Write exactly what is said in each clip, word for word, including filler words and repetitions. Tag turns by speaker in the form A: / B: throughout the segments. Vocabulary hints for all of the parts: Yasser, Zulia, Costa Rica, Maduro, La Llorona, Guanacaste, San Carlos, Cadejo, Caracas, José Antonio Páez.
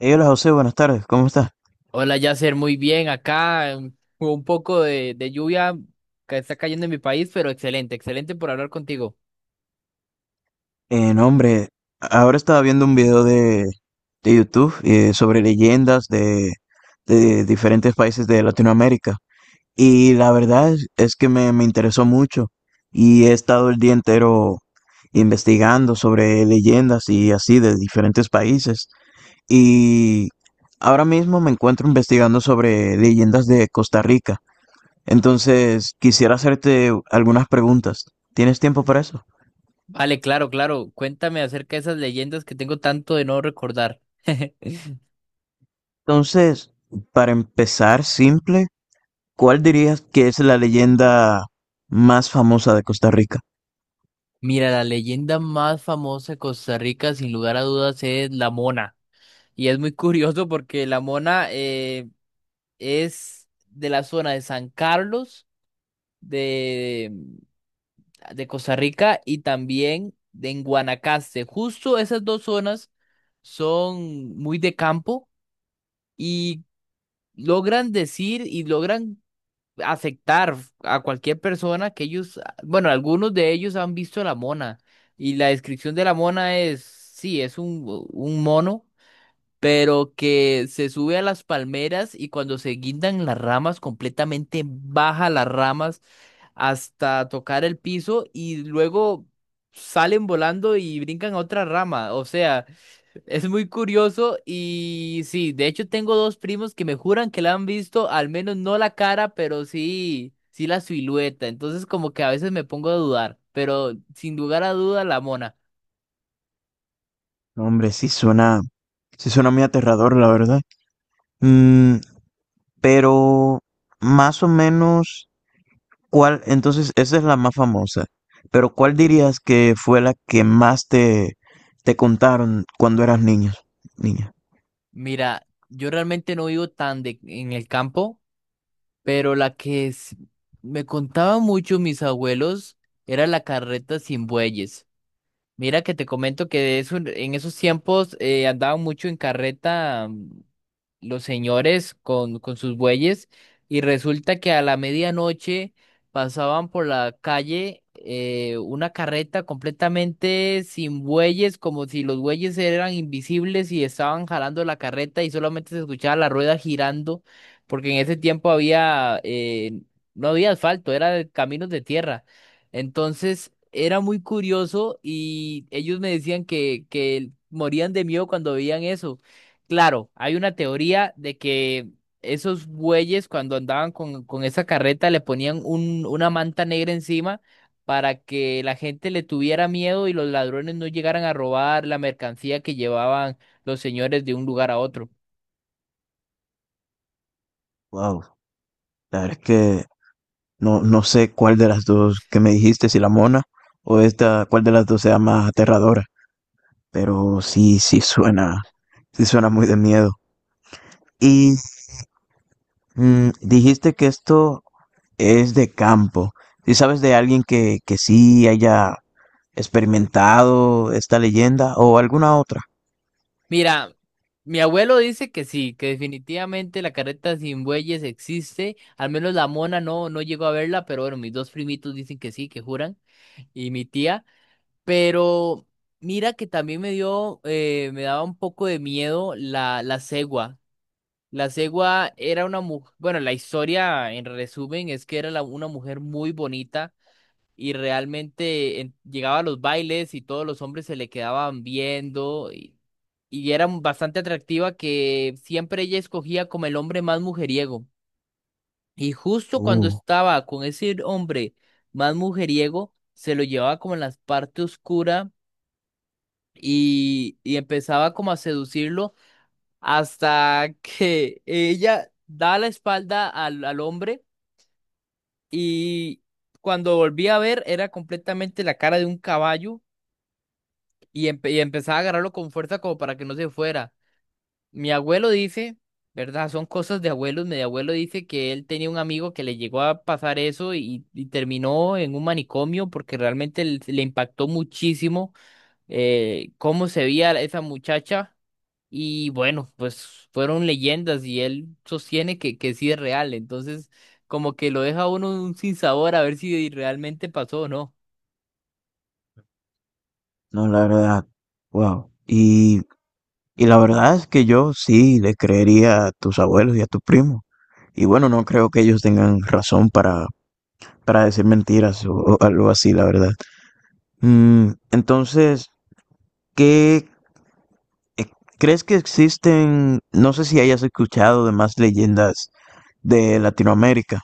A: Hey, hola José, buenas tardes, ¿cómo estás?
B: Hola, Yasser, muy bien. Acá un, hubo un poco de, de lluvia que está cayendo en mi país, pero excelente, excelente por hablar contigo.
A: Eh, no, hombre, ahora estaba viendo un video de, de YouTube eh, sobre leyendas de, de diferentes países de Latinoamérica y la verdad es, es que me, me interesó mucho y he estado el día entero investigando sobre leyendas y así de diferentes países y ahora mismo me encuentro investigando sobre leyendas de Costa Rica. Entonces quisiera hacerte algunas preguntas. ¿Tienes tiempo para eso?
B: Vale, claro, claro. Cuéntame acerca de esas leyendas que tengo tanto de no recordar.
A: Entonces, para empezar simple, ¿cuál dirías que es la leyenda más famosa de Costa Rica?
B: Mira, la leyenda más famosa de Costa Rica, sin lugar a dudas, es la Mona. Y es muy curioso porque la Mona eh, es de la zona de San Carlos, de Costa Rica y también de en Guanacaste. Justo esas dos zonas son muy de campo y logran decir y logran aceptar a cualquier persona que ellos, bueno, algunos de ellos han visto la mona. Y la descripción de la mona es, sí, es un, un mono, pero que se sube a las palmeras y cuando se guindan las ramas, completamente baja las ramas hasta tocar el piso y luego salen volando y brincan a otra rama. O sea, es muy curioso y sí, de hecho tengo dos primos que me juran que la han visto, al menos no la cara, pero sí, sí la silueta. Entonces como que a veces me pongo a dudar, pero sin lugar a duda la mona.
A: No, hombre, sí suena, sí suena muy aterrador, la verdad. Mm, pero más o menos, ¿cuál? Entonces, esa es la más famosa. Pero ¿cuál dirías que fue la que más te, te contaron cuando eras niño, niña?
B: Mira, yo realmente no vivo tan de, en el campo. Pero la que s- Me contaba mucho mis abuelos era la carreta sin bueyes. Mira que te comento que de eso, en esos tiempos eh, andaban mucho en carreta, mm, los señores con, con sus bueyes, y resulta que a la medianoche pasaban por la calle eh, una carreta completamente sin bueyes, como si los bueyes eran invisibles y estaban jalando la carreta y solamente se escuchaba la rueda girando, porque en ese tiempo había, eh, no había asfalto, eran caminos de tierra. Entonces era muy curioso y ellos me decían que, que morían de miedo cuando veían eso. Claro, hay una teoría de que esos bueyes cuando andaban con, con esa carreta le ponían un, una manta negra encima para que la gente le tuviera miedo y los ladrones no llegaran a robar la mercancía que llevaban los señores de un lugar a otro.
A: Wow, la verdad es que no, no sé cuál de las dos que me dijiste, si la mona o esta, cuál de las dos sea más aterradora. Pero sí, sí suena, sí suena muy de miedo. Y mm, Dijiste que esto es de campo. ¿Y sabes de alguien que, que sí haya experimentado esta leyenda o alguna otra?
B: Mira, mi abuelo dice que sí, que definitivamente la carreta sin bueyes existe, al menos la mona no, no llegó a verla, pero bueno, mis dos primitos dicen que sí, que juran, y mi tía. Pero mira que también me dio, eh, me daba un poco de miedo la, la cegua. La cegua era una mujer. Bueno, la historia en resumen es que era la- una mujer muy bonita y realmente en- llegaba a los bailes y todos los hombres se le quedaban viendo, y, y era bastante atractiva que siempre ella escogía como el hombre más mujeriego. Y justo cuando
A: Uh,
B: estaba con ese hombre más mujeriego, se lo llevaba como en la parte oscura y, y empezaba como a seducirlo hasta que ella da la espalda al, al hombre, y cuando volví a ver era completamente la cara de un caballo y, empe- y empezaba a agarrarlo con fuerza como para que no se fuera. Mi abuelo dice, ¿verdad? Son cosas de abuelos. Mi abuelo dice que él tenía un amigo que le llegó a pasar eso, y, y terminó en un manicomio porque realmente le le impactó muchísimo eh, cómo se veía esa muchacha. Y bueno, pues fueron leyendas y él sostiene que, que sí es real. Entonces, como que lo deja a uno un sinsabor a ver si realmente pasó o no.
A: no, la verdad. Wow. Y, y la verdad es que yo sí le creería a tus abuelos y a tu primo. Y bueno, no creo que ellos tengan razón para, para decir mentiras o, o algo así, la verdad. Mm, entonces, ¿qué eh, crees que existen? No sé si hayas escuchado de más leyendas de Latinoamérica,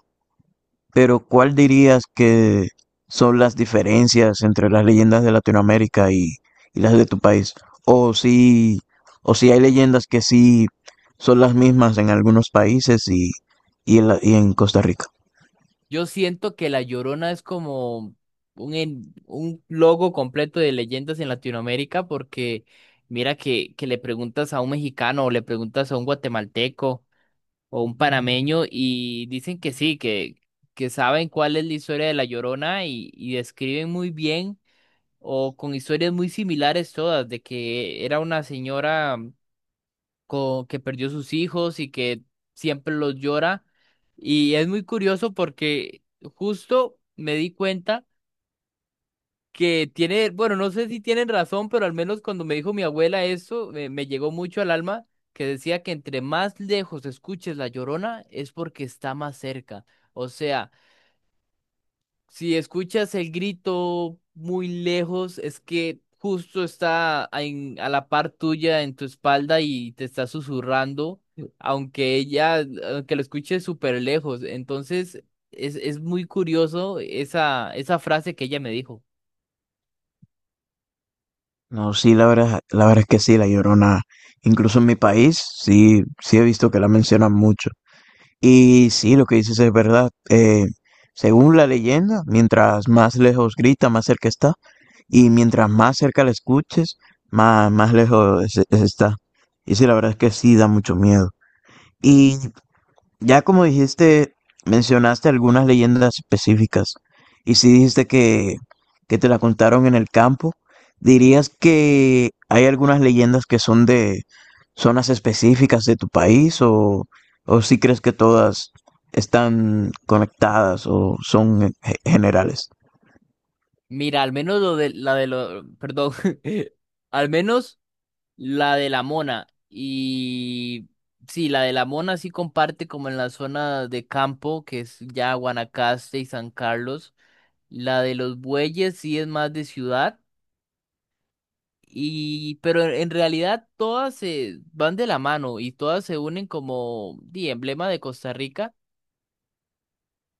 A: pero ¿cuál dirías que son las diferencias entre las leyendas de Latinoamérica y, y las de tu país? O si, o si hay leyendas que sí son las mismas en algunos países y, y en la- y en Costa Rica.
B: Yo siento que La Llorona es como un, en- un logo completo de leyendas en Latinoamérica, porque mira que, que le preguntas a un mexicano o le preguntas a un guatemalteco o un panameño y dicen que sí, que, que saben cuál es la historia de La Llorona, y, y describen muy bien o con historias muy similares todas, de que era una señora co- que perdió sus hijos y que siempre los llora. Y es muy curioso porque justo me di cuenta que tiene, bueno, no sé si tienen razón, pero al menos cuando me dijo mi abuela eso, me, me llegó mucho al alma, que decía que entre más lejos escuches la llorona es porque está más cerca. O sea, si escuchas el grito muy lejos, es que justo está a, en- a la par tuya en tu espalda y te está susurrando, aunque ella, aunque lo escuches súper lejos. Entonces, es, es muy curioso esa, esa frase que ella me dijo.
A: No, sí, la verdad, la verdad es que sí, La Llorona, incluso en mi país, sí, sí he visto que la mencionan mucho. Y sí, lo que dices es verdad. Eh, según la leyenda, mientras más lejos grita, más cerca está, y mientras más cerca la escuches, más, más lejos es- es- está. Y sí, la verdad es que sí da mucho miedo. Y ya como dijiste, mencionaste algunas leyendas específicas y si dijiste que, que te la contaron en el campo, ¿dirías que hay algunas leyendas que son de zonas específicas de tu país o, o si crees que todas están conectadas o son eh, generales?
B: Mira, al menos lo de la de lo, perdón, al menos la de la Mona. Y sí, la de la Mona sí comparte como en la zona de campo, que es ya Guanacaste y San Carlos. La de los bueyes sí es más de ciudad. Y pero en en realidad todas se van de la mano y todas se unen como di, emblema de Costa Rica.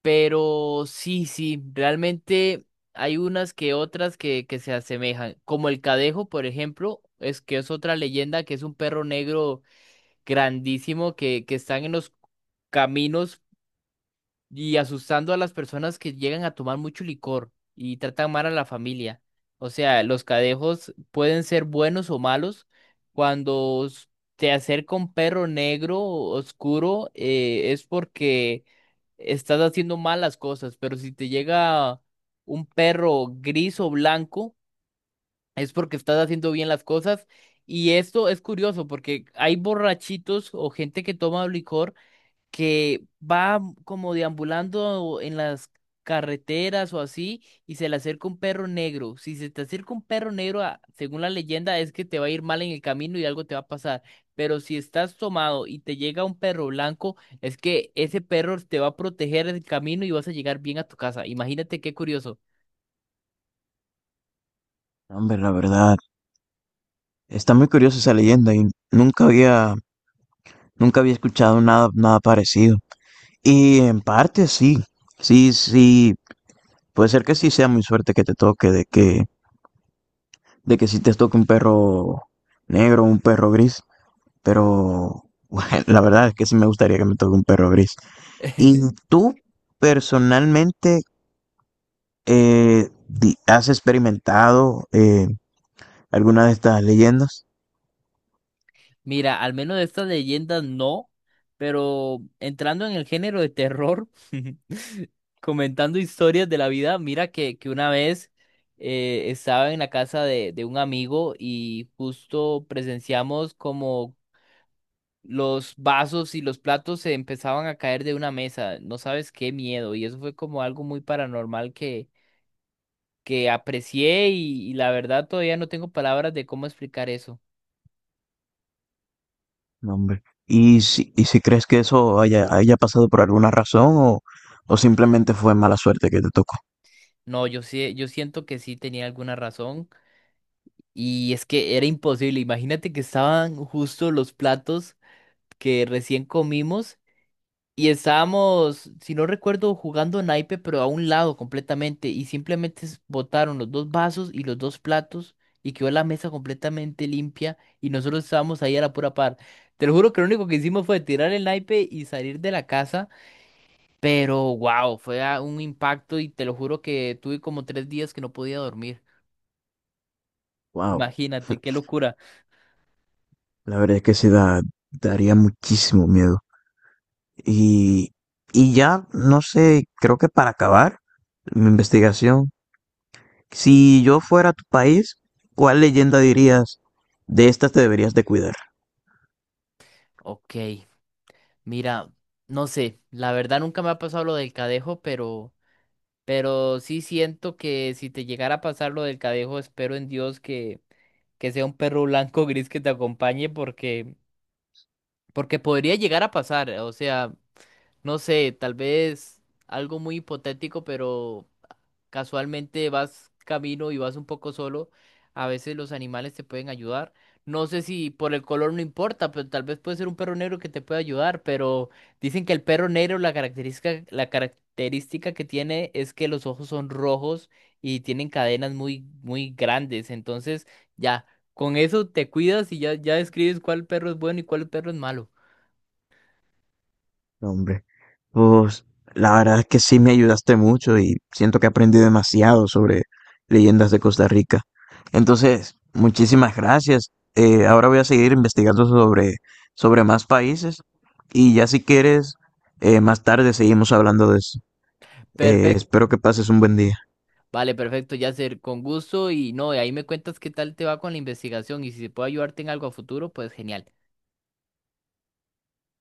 B: Pero sí, sí, realmente hay unas que otras que, que se asemejan. Como el Cadejo, por ejemplo, es que es otra leyenda que es un perro negro grandísimo que, que están en los caminos y asustando a las personas que llegan a tomar mucho licor y tratan mal a la familia. O sea, los cadejos pueden ser buenos o malos. cuando s- Te acerca un perro negro oscuro, eh, es porque estás haciendo malas cosas, pero si te llega un perro gris o blanco, es porque estás haciendo bien las cosas. Y esto es curioso porque hay borrachitos o gente que toma licor que va como deambulando en las carreteras o así, y se le acerca un perro negro. Si se te acerca un perro negro, a- según la leyenda, es que te va a ir mal en el camino y algo te va a pasar. Pero si estás tomado y te llega un perro blanco, es que ese perro te va a proteger el camino y vas a llegar bien a tu casa. Imagínate qué curioso.
A: Hombre, la verdad, está muy curiosa esa leyenda y nunca había, nunca había escuchado nada, nada parecido. Y en parte sí, sí, sí, puede ser que sí sea muy suerte que te toque, de que, de que sí te toque un perro negro, un perro gris, pero bueno, la verdad es que sí me gustaría que me toque un perro gris. Y tú personalmente eh, di- has experimentado eh, alguna de estas leyendas.
B: Mira, al menos de estas leyendas no, pero entrando en el género de terror, comentando historias de la vida, mira que, que una vez eh, estaba en la casa de, de un amigo y justo presenciamos como los vasos y los platos se empezaban a caer de una mesa. No sabes qué miedo. Y eso fue como algo muy paranormal que, que aprecié, y, y la verdad todavía no tengo palabras de cómo explicar eso.
A: No, hombre. Y si, y si crees que eso haya, haya pasado por alguna razón o, o simplemente fue mala suerte que te tocó.
B: No, yo sí, yo siento que sí tenía alguna razón. Y es que era imposible. Imagínate que estaban justo los platos que recién comimos y estábamos, si no recuerdo, jugando naipe, pero a un lado completamente. Y simplemente s- botaron los dos vasos y los dos platos, y quedó la mesa completamente limpia y nosotros estábamos ahí a la pura par. Te lo juro que lo único que hicimos fue tirar el naipe y salir de la casa, pero wow, fue a- un impacto, y te lo juro que tuve como tres días que no podía dormir.
A: Wow,
B: Imagínate, qué locura.
A: la verdad es que sí da, daría muchísimo miedo. Y, y ya, no sé, creo que para acabar mi investigación, si yo fuera a tu país, ¿cuál leyenda dirías de estas te deberías de cuidar?
B: Ok. Mira, no sé, la verdad nunca me ha pasado lo del cadejo, pero, pero sí siento que si te llegara a pasar lo del cadejo, espero en Dios que, que sea un perro blanco o gris que te acompañe, porque porque podría llegar a pasar, o sea, no sé, tal vez algo muy hipotético, pero casualmente vas camino y vas un poco solo, a veces los animales te pueden ayudar. No sé si por el color no importa, pero tal vez puede ser un perro negro que te pueda ayudar, pero dicen que el perro negro la característica, la característica que tiene es que los ojos son rojos y tienen cadenas muy, muy grandes, entonces ya. Con eso te cuidas y ya, ya describes cuál perro es bueno y cuál perro es malo.
A: No, hombre, pues la verdad es que sí me ayudaste mucho y siento que he aprendido demasiado sobre leyendas de Costa Rica. Entonces, muchísimas gracias. Eh, ahora voy a seguir investigando sobre, sobre más países y ya si quieres, eh, más tarde seguimos hablando de eso. Eh,
B: Perfecto.
A: espero que pases un buen día.
B: Vale, perfecto, Yasser. Con gusto y no, de ahí me cuentas qué tal te va con la investigación, y si se puede ayudarte en algo a futuro, pues genial.